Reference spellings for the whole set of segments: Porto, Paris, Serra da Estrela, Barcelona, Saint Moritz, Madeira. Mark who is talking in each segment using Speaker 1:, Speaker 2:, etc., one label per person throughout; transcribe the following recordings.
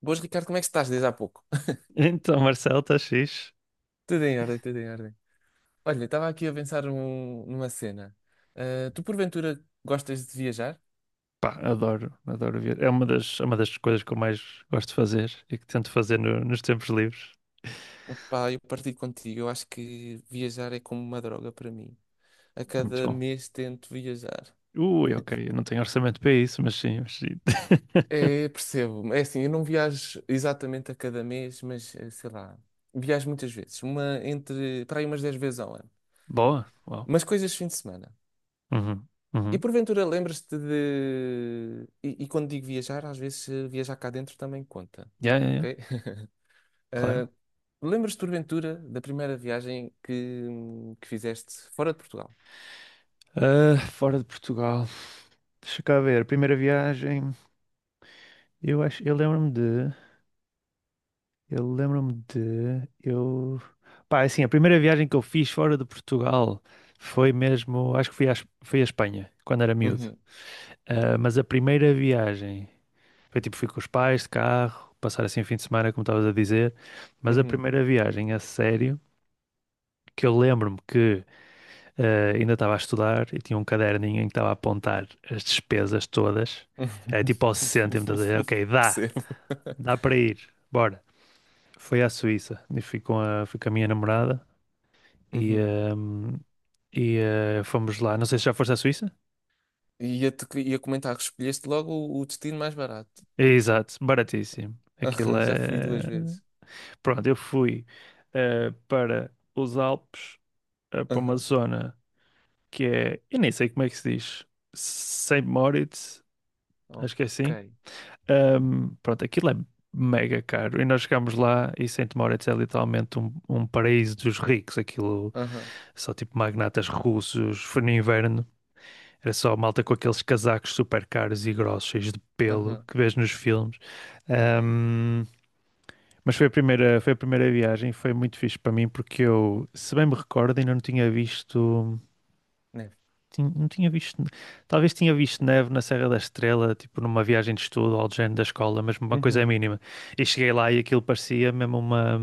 Speaker 1: Boas, Ricardo, como é que estás desde há pouco?
Speaker 2: Então, Marcelo, está fixe?
Speaker 1: Tudo em ordem, tudo em ordem. Olha, estava aqui a pensar numa cena. Ah, tu, porventura, gostas de viajar?
Speaker 2: Pá, adoro, adoro ver. É uma das coisas que eu mais gosto de fazer e que tento fazer nos tempos livres.
Speaker 1: Pá, eu partilho contigo. Eu acho que viajar é como uma droga para mim. A
Speaker 2: É muito
Speaker 1: cada
Speaker 2: bom.
Speaker 1: mês tento viajar.
Speaker 2: Ui, ok, eu não tenho orçamento para isso, mas sim, mas sim.
Speaker 1: É, percebo. É assim, eu não viajo exatamente a cada mês, mas sei lá, viajo muitas vezes. Para aí umas 10 vezes ao ano.
Speaker 2: Boa, uau.
Speaker 1: Mas coisas de fim de semana.
Speaker 2: Uhum,
Speaker 1: E
Speaker 2: uhum.
Speaker 1: porventura lembras-te de. E quando digo viajar, às vezes viajar cá dentro também conta,
Speaker 2: Yeah, yeah, yeah,
Speaker 1: ok?
Speaker 2: claro.
Speaker 1: Ah, lembras-te porventura da primeira viagem que fizeste fora de Portugal?
Speaker 2: Ah, fora de Portugal. Deixa cá ver, primeira viagem. Eu acho, eu lembro-me de. Eu lembro-me de. Eu. Pá, assim, a primeira viagem que eu fiz fora de Portugal foi mesmo. Acho que fui fui à Espanha, quando era miúdo.
Speaker 1: Uhum,
Speaker 2: Ah, mas a primeira viagem foi tipo, fui com os pais de carro, passar assim o fim de semana, como estavas a dizer. Mas a
Speaker 1: uhum.
Speaker 2: primeira viagem a sério, que eu lembro-me que ainda estava a estudar e tinha um caderninho em que estava a apontar as despesas todas. Era tipo ao cêntimo, estás a dizer, ok, dá,
Speaker 1: Percebo.
Speaker 2: dá para ir, bora. Foi à Suíça e fui fui com a minha namorada. E,
Speaker 1: Uhum.
Speaker 2: hum, e fomos lá. Não sei se já foste à Suíça?
Speaker 1: E ia comentar que escolheste logo o destino mais barato.
Speaker 2: Exato, baratíssimo. Aquilo
Speaker 1: Aham, já fui duas
Speaker 2: é.
Speaker 1: vezes.
Speaker 2: Pronto, eu fui para os Alpes, para uma
Speaker 1: Aham.
Speaker 2: zona que é. Eu nem sei como é que se diz. Saint Moritz, acho que é
Speaker 1: Ok.
Speaker 2: assim. Pronto, aquilo é mega caro. E nós chegámos lá e Saint Moritz é literalmente um, um paraíso dos ricos. Aquilo
Speaker 1: Aham,
Speaker 2: só tipo magnatas russos. Foi no inverno. Era só malta com aqueles casacos super caros e grossos, cheios de pelo,
Speaker 1: aham.
Speaker 2: que vês nos filmes. Ahm, mas foi a primeira viagem, foi muito fixe para mim, porque eu, se bem me recordo, ainda não tinha visto.
Speaker 1: Neve.
Speaker 2: Não tinha visto. Talvez tinha visto neve na Serra da Estrela, tipo numa viagem de estudo ou de género da escola, mas uma coisa é
Speaker 1: Uhum,
Speaker 2: mínima. E cheguei lá e aquilo parecia mesmo uma.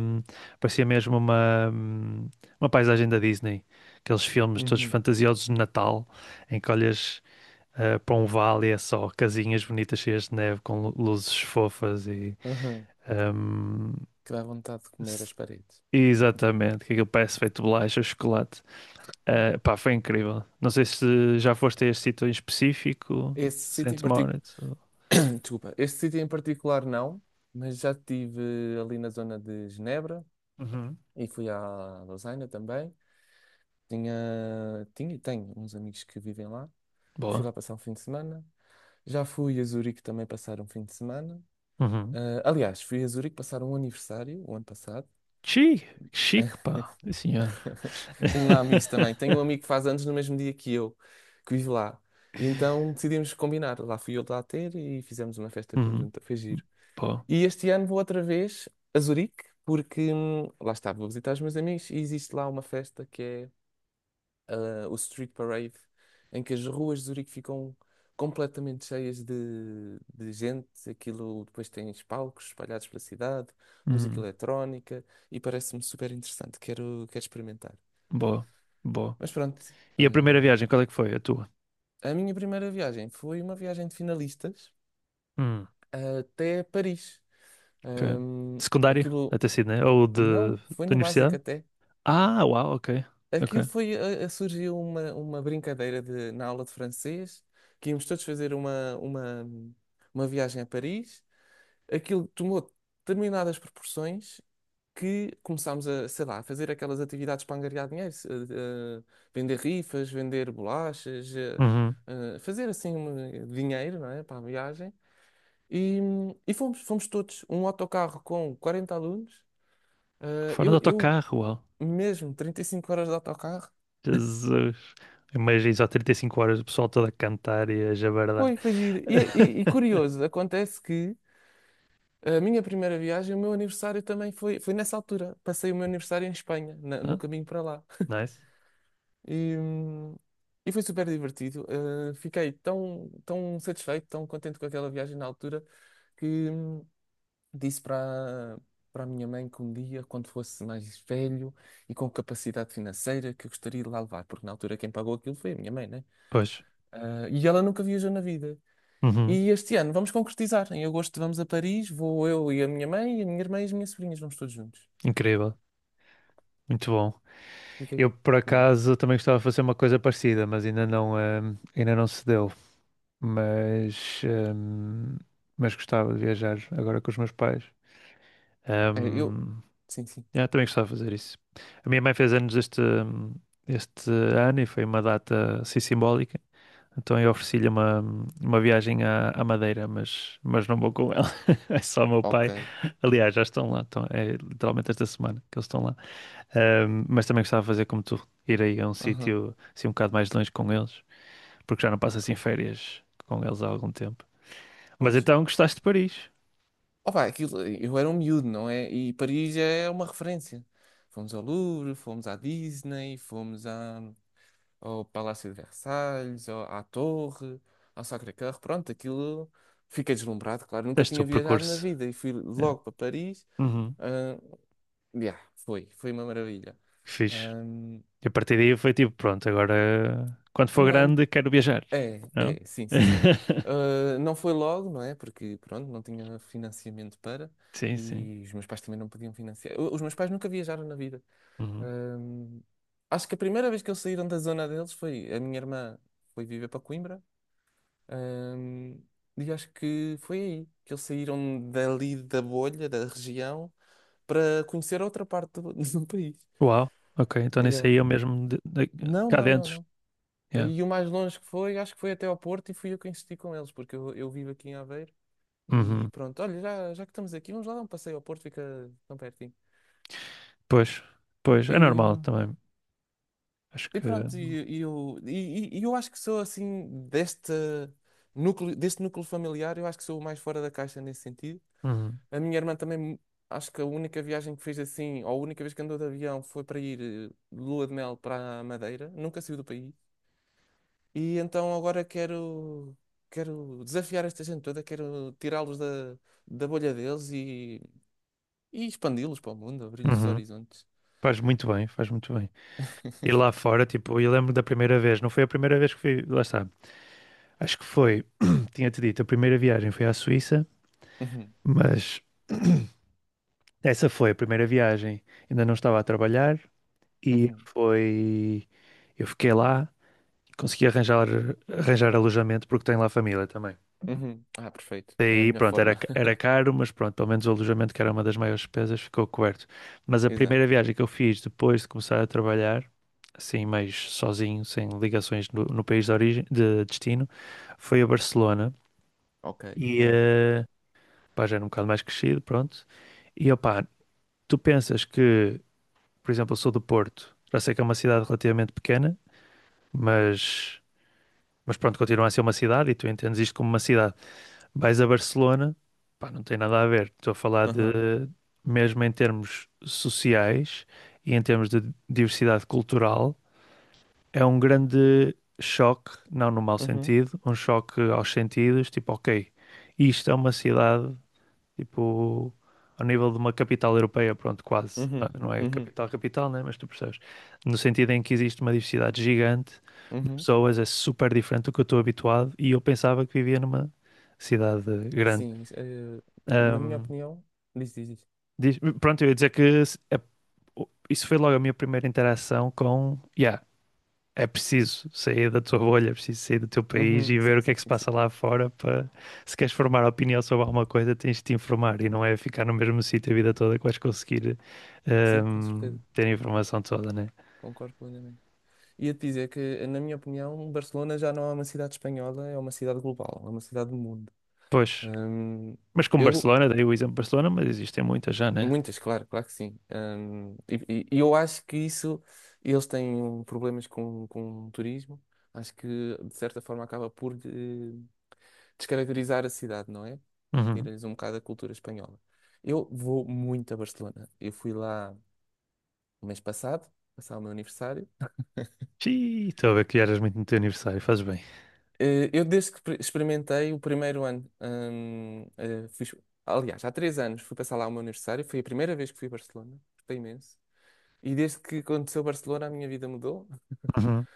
Speaker 2: Parecia mesmo uma. Uma paisagem da Disney. Aqueles filmes todos
Speaker 1: uhum,
Speaker 2: fantasiosos de Natal, em que olhas para um vale é só casinhas bonitas cheias de neve com luzes fofas e.
Speaker 1: aham.
Speaker 2: ehm,
Speaker 1: Que dá vontade de comer
Speaker 2: s-
Speaker 1: as paredes.
Speaker 2: Exatamente, que aquilo parece feito de bolacha, chocolate. Eh, pá, foi incrível. Não sei se já foste a este sítio em específico,
Speaker 1: Esse sítio em
Speaker 2: Saint
Speaker 1: particular.
Speaker 2: Moritz. Ou-
Speaker 1: Desculpa, este sítio em particular não, mas já estive ali na zona de Genebra
Speaker 2: Uhum.
Speaker 1: e fui à Lausanne também. Tinha e tenho uns amigos que vivem lá e fui
Speaker 2: Boa.
Speaker 1: lá passar um fim de semana. Já fui a Zurique também passar um fim de semana.
Speaker 2: Uhum.
Speaker 1: Ah, aliás, fui a Zurique passar um aniversário o ano passado.
Speaker 2: Chique, chique, pá. Sim, senhor.
Speaker 1: Tenho lá amigos também. Tenho um amigo que faz anos no mesmo dia que eu, que vive lá. E então decidimos combinar. Lá fui eu lá ter e fizemos uma festa
Speaker 2: Uhum.
Speaker 1: conjunta. Foi giro.
Speaker 2: Boa.
Speaker 1: E este ano vou outra vez a Zurique, porque lá está, vou visitar os meus amigos e existe lá uma festa que é o Street Parade, em que as ruas de Zurique ficam completamente cheias de gente. Aquilo depois tem palcos espalhados pela cidade, música
Speaker 2: Uhum.
Speaker 1: eletrónica e parece-me super interessante. Quero experimentar.
Speaker 2: Boa. Boa.
Speaker 1: Mas pronto,
Speaker 2: E a primeira
Speaker 1: hum,
Speaker 2: viagem, qual é que foi? A tua?
Speaker 1: a minha primeira viagem foi uma viagem de finalistas até Paris.
Speaker 2: Ok.
Speaker 1: Hum,
Speaker 2: Secundário,
Speaker 1: aquilo
Speaker 2: até sido, né? Ou de, da
Speaker 1: não, foi no básico
Speaker 2: universidade?
Speaker 1: até.
Speaker 2: Ah, uau, ok.
Speaker 1: Aquilo
Speaker 2: Ok.
Speaker 1: foi, a- Surgiu uma brincadeira de, na aula de francês, que íamos todos fazer uma viagem a Paris. Aquilo tomou determinadas proporções que começámos a, sei lá, a fazer aquelas atividades para angariar dinheiro, eh, vender rifas, vender bolachas,
Speaker 2: Uhum.
Speaker 1: fazer assim um dinheiro, não é, para a viagem. E, e fomos todos, um autocarro com 40 alunos. Eh,
Speaker 2: Foram de
Speaker 1: eu, eu
Speaker 2: autocarro, uau.
Speaker 1: mesmo, 35 horas de autocarro.
Speaker 2: Jesus. Imagina só 35 horas o pessoal todo a cantar e a jabardar.
Speaker 1: Foi giro. E curioso, acontece que a minha primeira viagem, o meu aniversário também foi nessa altura. Passei o meu aniversário em Espanha, no
Speaker 2: Ah,
Speaker 1: caminho para lá.
Speaker 2: nice.
Speaker 1: E, hum, e foi super divertido. Fiquei tão satisfeito, tão contente com aquela viagem na altura, que disse para a minha mãe que um dia, quando fosse mais velho e com capacidade financeira, que eu gostaria de lá levar, porque na altura quem pagou aquilo foi a minha mãe, né?
Speaker 2: Pois.
Speaker 1: Ah, e ela nunca viajou na vida.
Speaker 2: Uhum.
Speaker 1: E este ano vamos concretizar. Em agosto vamos a Paris, vou eu e a minha mãe, e a minha irmã e as minhas sobrinhas, vamos todos juntos.
Speaker 2: Incrível. Muito bom.
Speaker 1: Fica
Speaker 2: Eu,
Speaker 1: aí.
Speaker 2: por
Speaker 1: Yeah.
Speaker 2: acaso, também gostava de fazer uma coisa parecida, mas ainda não se deu. Mas, ehm, mas gostava de viajar agora com os meus pais.
Speaker 1: É, eu.
Speaker 2: Ehm,
Speaker 1: Sim, sim.
Speaker 2: Yeah, também gostava de fazer isso. A minha mãe fez anos este, este ano e foi uma data assim simbólica. Então eu ofereci-lhe uma viagem à, à Madeira, mas não vou com ela. É só o meu pai.
Speaker 1: Ok.
Speaker 2: Aliás, já estão lá. Estão, é literalmente esta semana que eles estão lá. Mas também gostava de fazer como tu, ir aí a um
Speaker 1: Aham.
Speaker 2: sítio assim um bocado mais longe com eles, porque já não passo
Speaker 1: Ok.
Speaker 2: assim férias com eles há algum tempo. Mas
Speaker 1: Pois.
Speaker 2: então gostaste de Paris?
Speaker 1: Opa, aquilo, eu era um miúdo, não é? E Paris é uma referência. Fomos ao Louvre, fomos à Disney, fomos ao Palácio de Versalhes, à Torre, ao Sacré-Cœur. Pronto, aquilo. Fiquei deslumbrado, claro. Nunca
Speaker 2: Deste o
Speaker 1: tinha viajado na
Speaker 2: percurso.
Speaker 1: vida e fui
Speaker 2: É.
Speaker 1: logo para Paris.
Speaker 2: Uhum.
Speaker 1: Ah, yeah, foi uma maravilha.
Speaker 2: Que fixe.
Speaker 1: Ahm,
Speaker 2: E a partir daí foi tipo, pronto, agora quando for
Speaker 1: não,
Speaker 2: grande quero viajar,
Speaker 1: é,
Speaker 2: não?
Speaker 1: é, sim, sim, sim. Ah, não foi logo, não é? Porque, pronto, não tinha financiamento para
Speaker 2: Sim, sim.
Speaker 1: e os meus pais também não podiam financiar. Os meus pais nunca viajaram na vida.
Speaker 2: Uhum.
Speaker 1: Ahm, acho que a primeira vez que eles saíram da zona deles foi a minha irmã foi viver para Coimbra. ahm, e acho que foi aí que eles saíram dali da bolha, da região, para conhecer outra parte do, do país.
Speaker 2: Uau, ok, então nisso
Speaker 1: Yeah.
Speaker 2: aí eu mesmo de, de
Speaker 1: Não,
Speaker 2: cá
Speaker 1: não, não,
Speaker 2: dentro.
Speaker 1: não.
Speaker 2: Yeah.
Speaker 1: E o mais longe que foi, acho que foi até ao Porto e fui eu que insisti com eles, porque eu vivo aqui em Aveiro e
Speaker 2: Uhum.
Speaker 1: pronto, olha, já que estamos aqui, vamos lá dar um passeio ao Porto, fica tão pertinho.
Speaker 2: Pois, pois, é normal
Speaker 1: E,
Speaker 2: também. Acho
Speaker 1: e
Speaker 2: que
Speaker 1: pronto, e eu acho que sou assim, deste núcleo familiar, eu acho que sou o mais fora da caixa nesse sentido.
Speaker 2: uhum.
Speaker 1: A minha irmã também, acho que a única viagem que fez assim, ou a única vez que andou de avião foi para ir de lua de mel para a Madeira, nunca saiu do país. E então agora quero desafiar esta gente toda, quero tirá-los da, bolha deles e expandi-los para o mundo, abrir-lhes os
Speaker 2: Uhum.
Speaker 1: horizontes.
Speaker 2: Faz muito bem, faz muito bem. E lá fora, tipo, eu lembro da primeira vez, não foi a primeira vez que fui, lá está. Acho que foi, tinha-te dito, a primeira viagem foi à Suíça,
Speaker 1: Uhum,
Speaker 2: mas essa foi a primeira viagem. Ainda não estava a trabalhar. E
Speaker 1: uhum,
Speaker 2: foi. Eu fiquei lá, consegui arranjar, arranjar alojamento porque tenho lá família também.
Speaker 1: uhum. Ah, perfeito. É a
Speaker 2: Daí,
Speaker 1: melhor
Speaker 2: pronto, era,
Speaker 1: forma.
Speaker 2: era caro, mas pronto, pelo menos o alojamento, que era uma das maiores despesas, ficou coberto. Mas a primeira
Speaker 1: Exato.
Speaker 2: viagem que eu fiz depois de começar a trabalhar, assim, mais sozinho, sem ligações no, no país de origem, de destino, foi a Barcelona.
Speaker 1: Ok.
Speaker 2: E,
Speaker 1: Amo.
Speaker 2: pá, já era um bocado mais crescido, pronto. E, opá, tu pensas que, por exemplo, eu sou do Porto, já sei que é uma cidade relativamente pequena, mas. Mas pronto, continua a ser uma cidade e tu entendes isto como uma cidade. Vais a Barcelona, pá, não tem nada a ver. Estou a falar de,
Speaker 1: Aham.
Speaker 2: mesmo em termos sociais e em termos de diversidade cultural, é um grande choque, não no mau
Speaker 1: Uhum,
Speaker 2: sentido, um choque aos sentidos, tipo, ok, isto é uma cidade, tipo, ao nível de uma capital europeia, pronto, quase. Ah,
Speaker 1: uhum,
Speaker 2: não é
Speaker 1: uhum,
Speaker 2: capital, capital, né? Mas tu percebes. No sentido em que existe uma diversidade gigante,
Speaker 1: uhum.
Speaker 2: pessoas, é super diferente do que eu estou habituado e eu pensava que vivia numa cidade grande.
Speaker 1: Sim, na minha
Speaker 2: Ahm,
Speaker 1: opinião, diz, diz, diz.
Speaker 2: Pronto, eu ia dizer que isso foi logo a minha primeira interação com, yeah, é preciso sair da tua bolha, é preciso sair do teu país
Speaker 1: Uhum.
Speaker 2: e ver
Speaker 1: Sim,
Speaker 2: o que é
Speaker 1: sim,
Speaker 2: que se
Speaker 1: sim, sim.
Speaker 2: passa lá fora para, se queres formar opinião sobre alguma coisa, tens de te informar e não é ficar no mesmo sítio a vida toda que vais conseguir
Speaker 1: Sim, com certeza.
Speaker 2: ter a informação toda, né?
Speaker 1: Concordo plenamente. Ia-te dizer que, na minha opinião, Barcelona já não é uma cidade espanhola, é uma cidade global, é uma cidade do mundo.
Speaker 2: Pois,
Speaker 1: Hum,
Speaker 2: mas com
Speaker 1: eu,
Speaker 2: Barcelona, dei o exemplo de Barcelona, mas existem muitas já, né?
Speaker 1: muitas, claro, claro que sim. E eu acho que isso, eles têm problemas com o turismo, acho que de certa forma acaba por descaracterizar a cidade, não é?
Speaker 2: Uhum.
Speaker 1: Tira-lhes um bocado a cultura espanhola. Eu vou muito a Barcelona, eu fui lá o mês passado, passar o meu aniversário.
Speaker 2: Xiii, estou a ver que eras muito no teu aniversário, fazes bem.
Speaker 1: Eu, desde que experimentei o primeiro ano, aliás, há 3 anos fui passar lá o meu aniversário, foi a primeira vez que fui a Barcelona, gostei imenso. E desde que aconteceu Barcelona, a minha vida mudou.
Speaker 2: Uhum.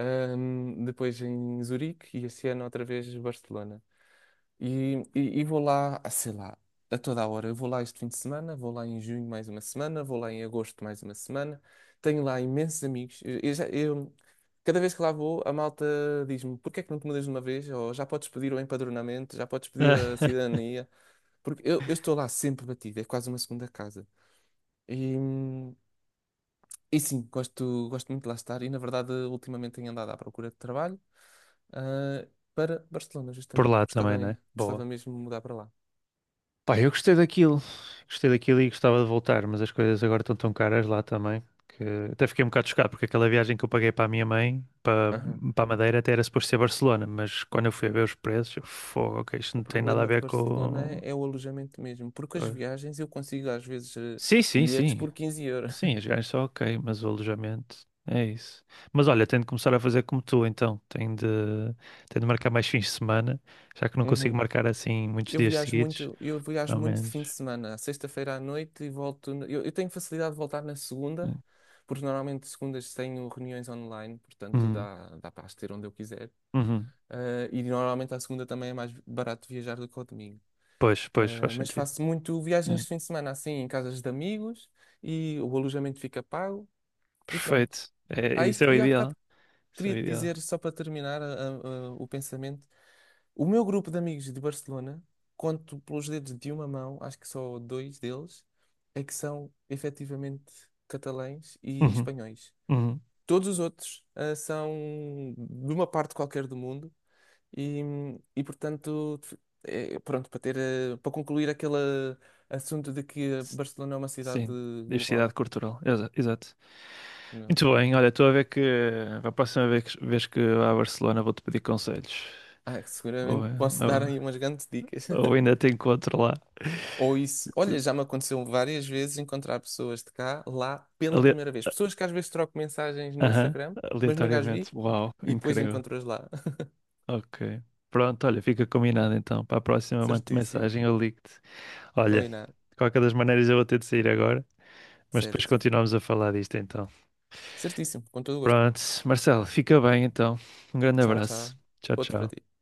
Speaker 1: Depois em Zurique e este ano outra vez Barcelona. E vou lá, sei lá, a toda a hora. Eu vou lá este fim de semana, vou lá em junho mais uma semana, vou lá em agosto mais uma semana. Tenho lá imensos amigos. Cada vez que lá vou, a malta diz-me: porque é que não te mudas de uma vez? Ou já podes pedir o empadronamento, já podes pedir a cidadania. Porque eu estou lá sempre batido, é quase uma segunda casa. E, hum, e sim, gosto muito de lá estar. E na verdade, ultimamente tenho andado à procura de trabalho, ah, para Barcelona,
Speaker 2: Por
Speaker 1: justamente,
Speaker 2: lá
Speaker 1: porque
Speaker 2: também,
Speaker 1: gostava,
Speaker 2: né? Boa.
Speaker 1: gostava mesmo de mudar para lá.
Speaker 2: Pá, eu gostei daquilo. Gostei daquilo e gostava de voltar, mas as coisas agora estão tão caras lá também que até fiquei um bocado chocado porque aquela viagem que eu paguei para a minha mãe, para,
Speaker 1: Aham.
Speaker 2: para a Madeira, até era suposto ser Barcelona, mas quando eu fui a ver os preços, eu, fogo, ok, isto não
Speaker 1: O
Speaker 2: tem nada a
Speaker 1: problema de
Speaker 2: ver
Speaker 1: Barcelona
Speaker 2: com.
Speaker 1: é o alojamento mesmo, porque as
Speaker 2: eh,
Speaker 1: viagens eu consigo às vezes
Speaker 2: Sim, sim,
Speaker 1: bilhetes
Speaker 2: sim.
Speaker 1: por 15 euros.
Speaker 2: Sim, as viagens são ok, mas o alojamento é isso. Mas olha, tenho de começar a fazer como tu, então. Tenho de marcar mais fins de semana, já que não consigo
Speaker 1: Uhum.
Speaker 2: marcar assim muitos dias seguidos,
Speaker 1: Eu viajo
Speaker 2: ao
Speaker 1: muito de
Speaker 2: menos.
Speaker 1: fim de semana, à sexta-feira à noite e volto. Eu tenho facilidade de voltar na
Speaker 2: É.
Speaker 1: segunda, porque normalmente segundas tenho reuniões online, portanto
Speaker 2: Uhum,
Speaker 1: dá para as ter onde eu quiser.
Speaker 2: uhum.
Speaker 1: E normalmente à segunda também é mais barato viajar do que ao domingo.
Speaker 2: Pois, pois, faz
Speaker 1: Mas
Speaker 2: sentido.
Speaker 1: faço muito
Speaker 2: É.
Speaker 1: viagens de fim de semana, assim, em casas de amigos, e o alojamento fica pago, e pronto.
Speaker 2: Perfeito. É,
Speaker 1: Ah,
Speaker 2: isso é
Speaker 1: isto,
Speaker 2: o
Speaker 1: e há bocado
Speaker 2: ideal. Isso é o
Speaker 1: queria-te dizer,
Speaker 2: ideal.
Speaker 1: só para terminar o pensamento, o meu grupo de amigos de Barcelona, conto pelos dedos de uma mão, acho que só dois deles, é que são efetivamente catalães e
Speaker 2: Uhum,
Speaker 1: espanhóis.
Speaker 2: uhum.
Speaker 1: Todos os outros, são de uma parte qualquer do mundo e, e portanto, é, pronto, para ter, para concluir aquele assunto de que
Speaker 2: S-
Speaker 1: Barcelona é uma cidade
Speaker 2: Sim,
Speaker 1: global.
Speaker 2: diversidade cultural. Exato.
Speaker 1: Não.
Speaker 2: Muito bem, olha, estou a ver que a próxima vez, vez que vá a Barcelona vou-te pedir conselhos.
Speaker 1: Ah,
Speaker 2: Ou,
Speaker 1: seguramente posso dar
Speaker 2: ou,
Speaker 1: aí umas grandes dicas.
Speaker 2: ou ainda te encontro lá.
Speaker 1: Ou isso,
Speaker 2: De-
Speaker 1: olha, já me aconteceu várias vezes encontrar pessoas de cá, lá, pela
Speaker 2: ale-
Speaker 1: primeira vez. Pessoas que às vezes troco mensagens no
Speaker 2: Aham,
Speaker 1: Instagram, mas nunca as vi,
Speaker 2: aleatoriamente. Uau,
Speaker 1: e depois
Speaker 2: incrível.
Speaker 1: encontro-as lá.
Speaker 2: Ok. Pronto, olha, fica combinado então. Para a próxima, mando-te
Speaker 1: Certíssimo.
Speaker 2: mensagem, eu ligo-te. Olha,
Speaker 1: Combinado.
Speaker 2: de qualquer das maneiras eu vou ter de sair agora, mas depois
Speaker 1: Certo.
Speaker 2: continuamos a falar disto então.
Speaker 1: Certíssimo. Com todo o gosto.
Speaker 2: Pronto, Marcelo, fica bem então. Um grande
Speaker 1: Tchau, tchau.
Speaker 2: abraço. Tchau,
Speaker 1: Outro
Speaker 2: tchau.
Speaker 1: para ti.